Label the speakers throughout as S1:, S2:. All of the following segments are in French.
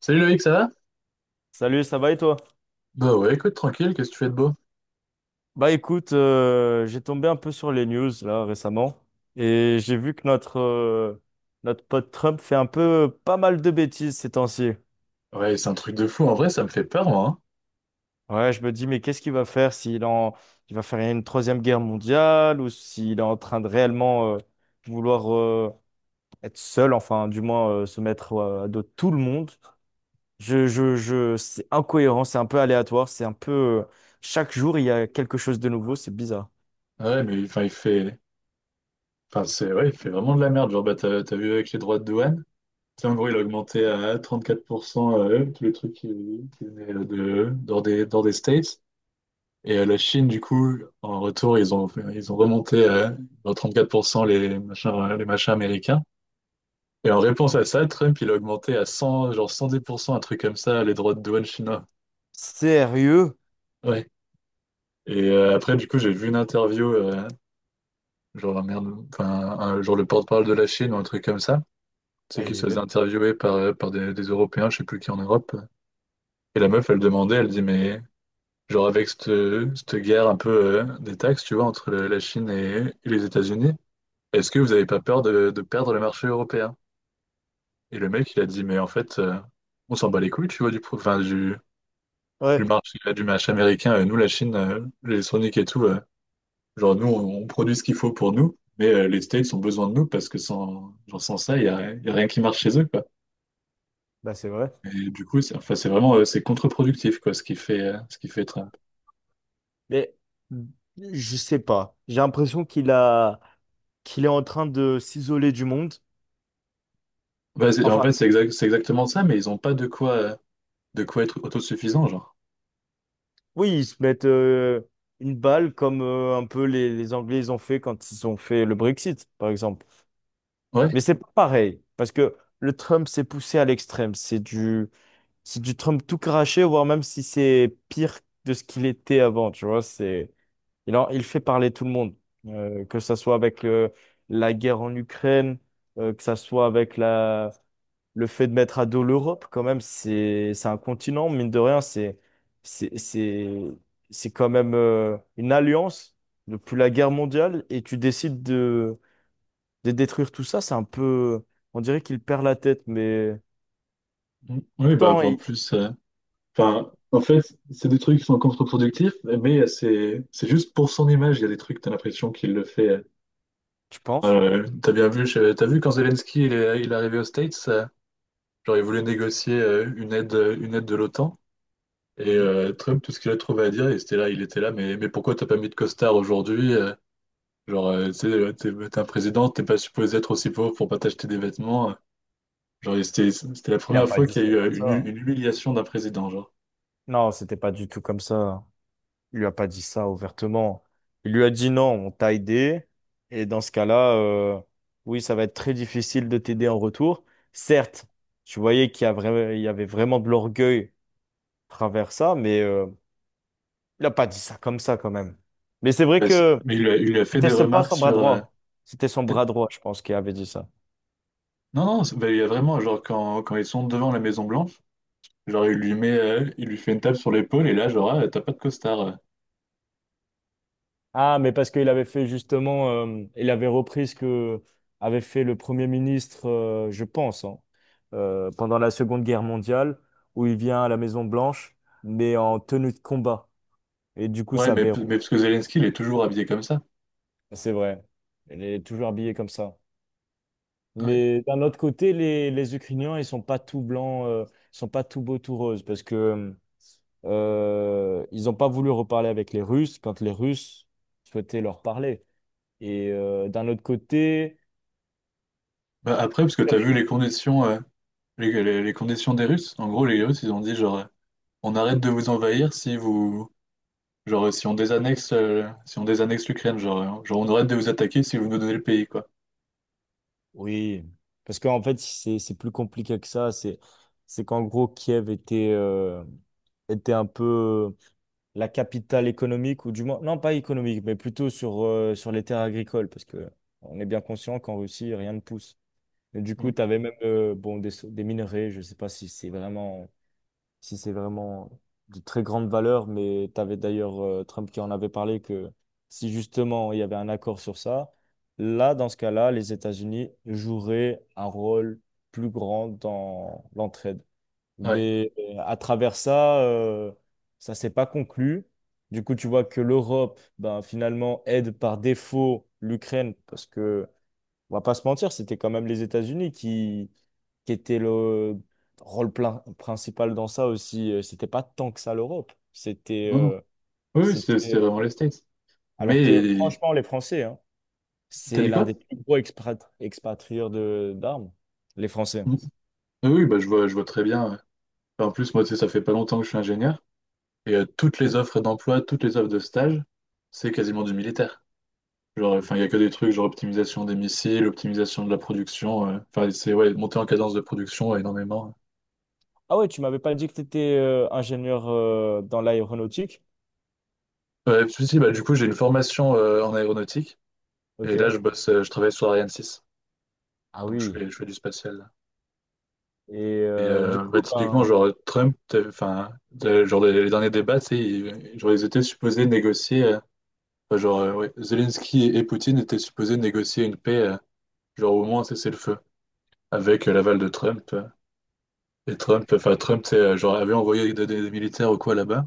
S1: Salut Loïc, ça va?
S2: Salut, ça va et toi?
S1: Bah ouais, écoute, tranquille, qu'est-ce que tu fais de beau?
S2: Bah écoute, j'ai tombé un peu sur les news là récemment et j'ai vu que notre, notre pote Trump fait un peu pas mal de bêtises ces temps-ci.
S1: Ouais, c'est un truc de fou, en vrai, ça me fait peur, moi.
S2: Ouais, je me dis, mais qu'est-ce qu'il va faire il va faire une troisième guerre mondiale ou s'il est en train de réellement vouloir être seul, enfin du moins se mettre à dos de tout le monde. C'est incohérent, c'est un peu aléatoire, Chaque jour, il y a quelque chose de nouveau, c'est bizarre.
S1: Hein. Ouais, mais enfin, il fait... enfin, c'est... ouais, il fait vraiment de la merde, genre, bah, t'as vu avec les droits de douane? C'est en gros, il a augmenté à 34%, tous les trucs qui venaient de... dans des States. Et la Chine, du coup, en retour, ils ont remonté à genre, 34% les machins américains. Et en réponse à ça, Trump, il a augmenté à 100, genre 110%, un truc comme ça, les droits de douane chinois.
S2: Sérieux?
S1: Ouais. Et après, du coup, j'ai vu une interview, genre, un merde, enfin, genre le porte-parole de la Chine ou un truc comme ça. C'est
S2: Ah,
S1: qu'il
S2: il est
S1: se faisait
S2: vite.
S1: interviewer par des Européens, je sais plus qui en Europe. Et la meuf, elle demandait, elle dit, mais genre avec cette guerre un peu des taxes, tu vois, entre la Chine et les États-Unis, est-ce que vous n'avez pas peur de perdre le marché européen? Et le mec, il a dit, mais en fait, on s'en bat les couilles, tu vois, du
S2: Ouais,
S1: marché américain. Nous, la Chine, l'électronique et tout. Genre, nous, on produit ce qu'il faut pour nous, mais les States ont besoin de nous parce que sans, genre, sans ça, il y a rien qui marche chez eux, quoi.
S2: bah c'est vrai.
S1: Et du coup, c'est enfin, c'est vraiment c'est contre-productif, quoi, ce qui fait, Trump.
S2: Mais je sais pas. J'ai l'impression qu'il a qu'il est en train de s'isoler du monde.
S1: Bah, en
S2: Enfin,
S1: fait, c'est exactement ça, mais ils n'ont pas de quoi être autosuffisants, genre.
S2: oui, ils se mettent une balle comme un peu les Anglais ils ont fait quand ils ont fait le Brexit, par exemple.
S1: Ouais.
S2: Mais c'est pas pareil parce que le Trump s'est poussé à l'extrême. C'est du Trump tout craché, voire même si c'est pire de ce qu'il était avant. Il fait parler tout le monde, que ça soit avec la guerre en Ukraine, que ça soit avec le fait de mettre à dos l'Europe, quand même, c'est un continent, mine de rien, c'est, c'est, c'est quand même, une alliance depuis la guerre mondiale et tu décides de détruire tout ça, c'est un peu, on dirait qu'il perd la tête, mais
S1: Mm. Oui, bah,
S2: pourtant,
S1: en
S2: il-
S1: plus, en fait, c'est des trucs qui sont contre-productifs, mais c'est juste pour son image, il y a des trucs, t'as l'impression qu'il le fait.
S2: tu penses?
S1: T'as bien vu, t'as vu quand Zelensky il est arrivé aux States. Genre, il voulait négocier une aide, de l'OTAN. Et
S2: Mhm.
S1: Trump, tout ce qu'il a trouvé à dire, il était là, mais pourquoi t'as pas mis de costard aujourd'hui? Genre, tu sais, t'es un président, t'es pas supposé être aussi pauvre pour pas t'acheter des vêtements. Genre, c'était la
S2: Il n'a
S1: première
S2: pas
S1: fois
S2: dit
S1: qu'il y a
S2: ça
S1: eu
S2: comme ça.
S1: une humiliation d'un président, genre.
S2: Non, c'était pas du tout comme ça. Il lui a pas dit ça ouvertement. Il lui a dit non, on t'a aidé. Et dans ce cas-là, oui, ça va être très difficile de t'aider en retour. Certes, tu voyais qu'il y a il y avait vraiment de l'orgueil à travers ça, mais il a pas dit ça comme ça quand même. Mais c'est vrai
S1: Bah,
S2: que
S1: mais il a fait des
S2: pas
S1: remarques
S2: son bras
S1: sur...
S2: droit. C'était son bras
S1: peut-être-
S2: droit, je pense, qui avait dit ça.
S1: non, non, bah, il y a vraiment, genre, quand ils sont devant la Maison-Blanche, genre, il lui fait une tape sur l'épaule, et là, genre, ah, t'as pas de costard.
S2: Ah, mais parce qu'il avait fait justement, il avait repris ce que avait fait le Premier ministre, je pense, hein, pendant la Seconde Guerre mondiale, où il vient à la Maison Blanche, mais en tenue de combat. Et du coup,
S1: Ouais,
S2: ça
S1: mais,
S2: avait...
S1: mais parce que Zelensky, il est toujours habillé comme ça.
S2: C'est vrai. Il est toujours habillé comme ça.
S1: Ouais.
S2: Mais d'un autre côté, les Ukrainiens, ils sont pas tout blancs, ils sont pas tout beaux, tout roses, parce que ils n'ont pas voulu reparler avec les Russes quand les Russes souhaitaient leur parler. Et d'un autre côté...
S1: Bah, après, parce que tu as vu les conditions, les conditions des Russes. En gros, les Russes, ils ont dit genre, on arrête de vous envahir si vous, genre, si on désannexe l'Ukraine, genre, on arrête de vous attaquer si vous nous donnez le pays, quoi.
S2: Oui, parce qu'en fait, c'est plus compliqué que ça. C'est qu'en gros, Kiev était, était un peu la capitale économique, ou du moins, non, pas économique, mais plutôt sur, sur les terres agricoles, parce que on est bien conscient qu'en Russie, rien ne pousse. Et du coup,
S1: Mm.
S2: tu avais même bon, des minerais, je sais pas si c'est vraiment si c'est vraiment de très grande valeur, mais tu avais d'ailleurs Trump qui en avait parlé que si justement il y avait un accord sur ça, là, dans ce cas-là, les États-Unis joueraient un rôle plus grand dans l'entraide.
S1: Ouais.
S2: Mais à travers ça, ça s'est pas conclu. Du coup, tu vois que l'Europe, ben, finalement, aide par défaut l'Ukraine parce que on va pas se mentir, c'était quand même les États-Unis qui étaient le rôle plein, principal dans ça aussi. C'était pas tant que ça l'Europe. C'était,
S1: Non, non. Oui, oui, c'était
S2: c'était...
S1: vraiment les States.
S2: Alors que
S1: Mais
S2: franchement, les Français, hein,
S1: t'as
S2: c'est
S1: dit
S2: l'un
S1: quoi?
S2: des plus gros expatrieurs de d'armes, les Français.
S1: Mm. Ah oui, bah je vois très bien. Ouais. Enfin, en plus, moi, tu sais, ça fait pas longtemps que je suis ingénieur et toutes les offres d'emploi, toutes les offres de stage, c'est quasiment du militaire. Genre, enfin, il n'y a que des trucs, genre optimisation des missiles, optimisation de la production. Enfin, c'est ouais, monter en cadence de production ouais, énormément.
S2: Ah ouais, tu m'avais pas dit que tu étais ingénieur dans l'aéronautique?
S1: Ouais, puis si, bah, du coup, j'ai une formation en aéronautique. Et là,
S2: Ok.
S1: je travaille sur Ariane 6.
S2: Ah
S1: Donc,
S2: oui.
S1: je fais du spatial. Là.
S2: Et
S1: Et
S2: du
S1: bah,
S2: coup,
S1: typiquement,
S2: ben...
S1: genre, Trump, genre, les derniers débats, tu sais, ils étaient supposés négocier. Enfin, genre, ouais, Zelensky et Poutine étaient supposés négocier une paix, genre, au moins cesser le feu avec l'aval de Trump. Et Trump, enfin Trump, c'est genre avait envoyé des militaires ou quoi là-bas.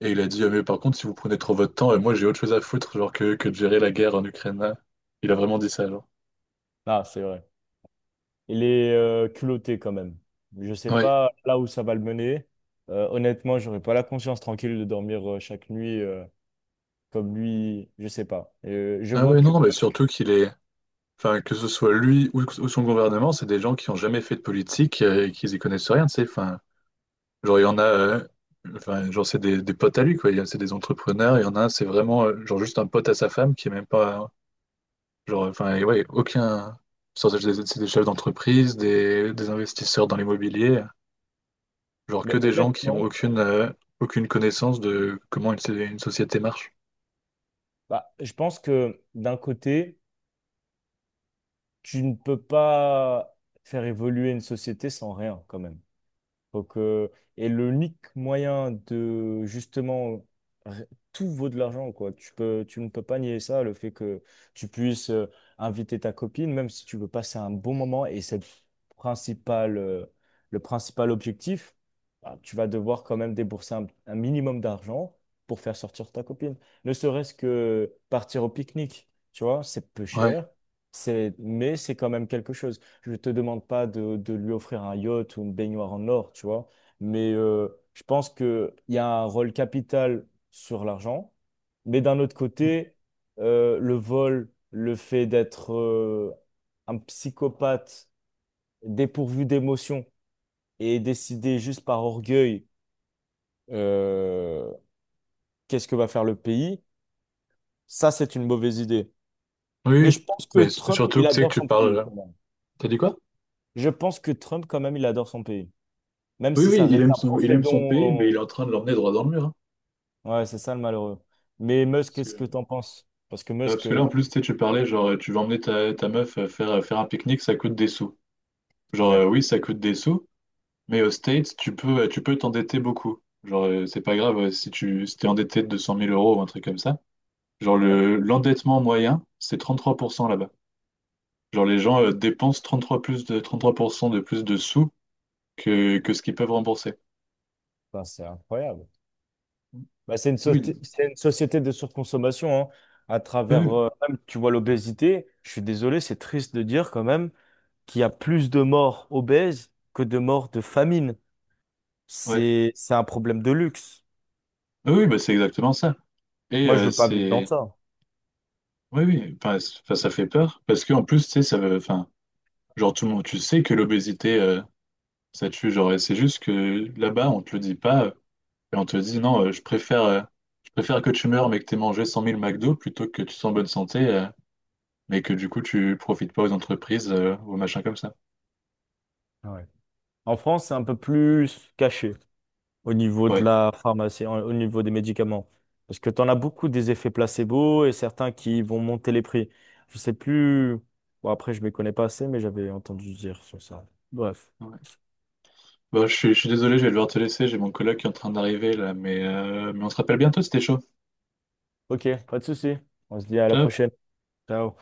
S1: Et il a dit, ah, mais par contre, si vous prenez trop votre temps, et moi j'ai autre chose à foutre, genre que de gérer la guerre en Ukraine. Là. Il a vraiment dit ça, genre.
S2: Ah, c'est vrai. Il est culotté quand même. Je sais
S1: Ouais.
S2: pas là où ça va le mener. Honnêtement, j'aurais pas la conscience tranquille de dormir chaque nuit comme lui. Je sais pas. Je
S1: Ah
S2: vois
S1: ouais,
S2: que,
S1: non, non, mais surtout qu'il est. Enfin, que ce soit lui ou son gouvernement, c'est des gens qui ont jamais fait de politique et qui y connaissent rien, tu sais. Enfin, genre, il y en a. Enfin, genre, c'est des potes à lui, quoi. C'est des entrepreneurs. Il y en a un, c'est vraiment, genre, juste un pote à sa femme qui est même pas. Genre, enfin, et ouais, aucun. C'est des chefs d'entreprise, des investisseurs dans l'immobilier. Genre que
S2: mais
S1: des gens qui ont
S2: honnêtement,
S1: aucune connaissance de comment une société marche.
S2: bah, je pense que d'un côté, tu ne peux pas faire évoluer une société sans rien quand même. Donc, et l'unique moyen de justement r- tout vaut de l'argent, quoi. Tu ne peux pas nier ça, le fait que tu puisses inviter ta copine, même si tu veux passer un bon moment, et c'est principal, euh, le principal objectif, bah, tu vas devoir quand même débourser un minimum d'argent pour faire sortir ta copine. Ne serait-ce que partir au pique-nique, tu vois, c'est peu
S1: Ouais.
S2: cher, c'est, mais c'est quand même quelque chose. Je te demande pas de lui offrir un yacht ou une baignoire en or, tu vois. Mais je pense qu'il y a un rôle capital sur l'argent. Mais d'un autre côté, le vol, le fait d'être un psychopathe dépourvu d'émotions et décider juste par orgueil, euh, qu'est-ce que va faire le pays, ça, c'est une mauvaise idée.
S1: Oui,
S2: Mais
S1: oui.
S2: je pense que
S1: Mais
S2: Trump,
S1: surtout
S2: il
S1: que tu sais que
S2: adore
S1: tu
S2: son
S1: parles.
S2: pays quand même.
S1: T'as dit quoi?
S2: Je pense que Trump, quand même, il adore son pays. Même
S1: Oui,
S2: si
S1: oui,
S2: ça reste un
S1: il
S2: profet
S1: aime son pays, mais il est
S2: dont...
S1: en train de l'emmener droit dans le mur. Hein.
S2: Ouais, c'est ça le malheureux. Mais Musk,
S1: Parce
S2: qu'est-ce que
S1: que,
S2: t'en penses? Parce que
S1: bah,
S2: Musk,
S1: parce que là, en plus, tu sais, tu parlais, genre, tu vas emmener ta meuf faire un pique-nique, ça coûte des sous. Genre,
S2: ouais,
S1: oui, ça coûte des sous, mais aux States, tu peux t'endetter beaucoup. Genre, c'est pas grave si t'es endetté de 200 000 euros ou un truc comme ça. Genre,
S2: ouais,
S1: l'endettement moyen, c'est 33% là-bas. Genre, les gens dépensent 33% de plus de sous que ce qu'ils peuvent rembourser.
S2: enfin, c'est incroyable. Bah,
S1: Oui,
S2: c'est une société de surconsommation, hein. À travers,
S1: oui,
S2: même, tu vois l'obésité, je suis désolé, c'est triste de dire quand même qu'il y a plus de morts obèses que de morts de famine.
S1: ouais.
S2: C'est un problème de luxe.
S1: Ah oui, bah, c'est exactement ça. Et
S2: Moi, je veux pas vivre dans
S1: c'est.
S2: ça.
S1: Oui, oui, enfin, enfin, ça fait peur. Parce qu'en plus, tu sais, ça veut. Enfin, genre, tout le monde, tu sais que l'obésité, ça tue. Genre, et c'est juste que là-bas, on te le dit pas. Et on te dit, non, je préfère que tu meurs, mais que tu aies mangé 100 000 McDo plutôt que tu sois en bonne santé, mais que du coup, tu profites pas aux entreprises, ou aux machins comme ça.
S2: Ouais. En France, c'est un peu plus caché, au niveau de
S1: Ouais.
S2: la pharmacie, au niveau des médicaments. Parce que tu en as beaucoup des effets placebo et certains qui vont monter les prix. Je sais plus. Bon, après, je ne m'y connais pas assez, mais j'avais entendu dire sur ça. Bref.
S1: Ouais. Bah, je suis désolé, je vais devoir te laisser, j'ai mon collègue qui est en train d'arriver là, mais on se rappelle bientôt, c'était chaud.
S2: Ok, pas de souci. On se dit à la
S1: Ciao.
S2: prochaine. Ciao.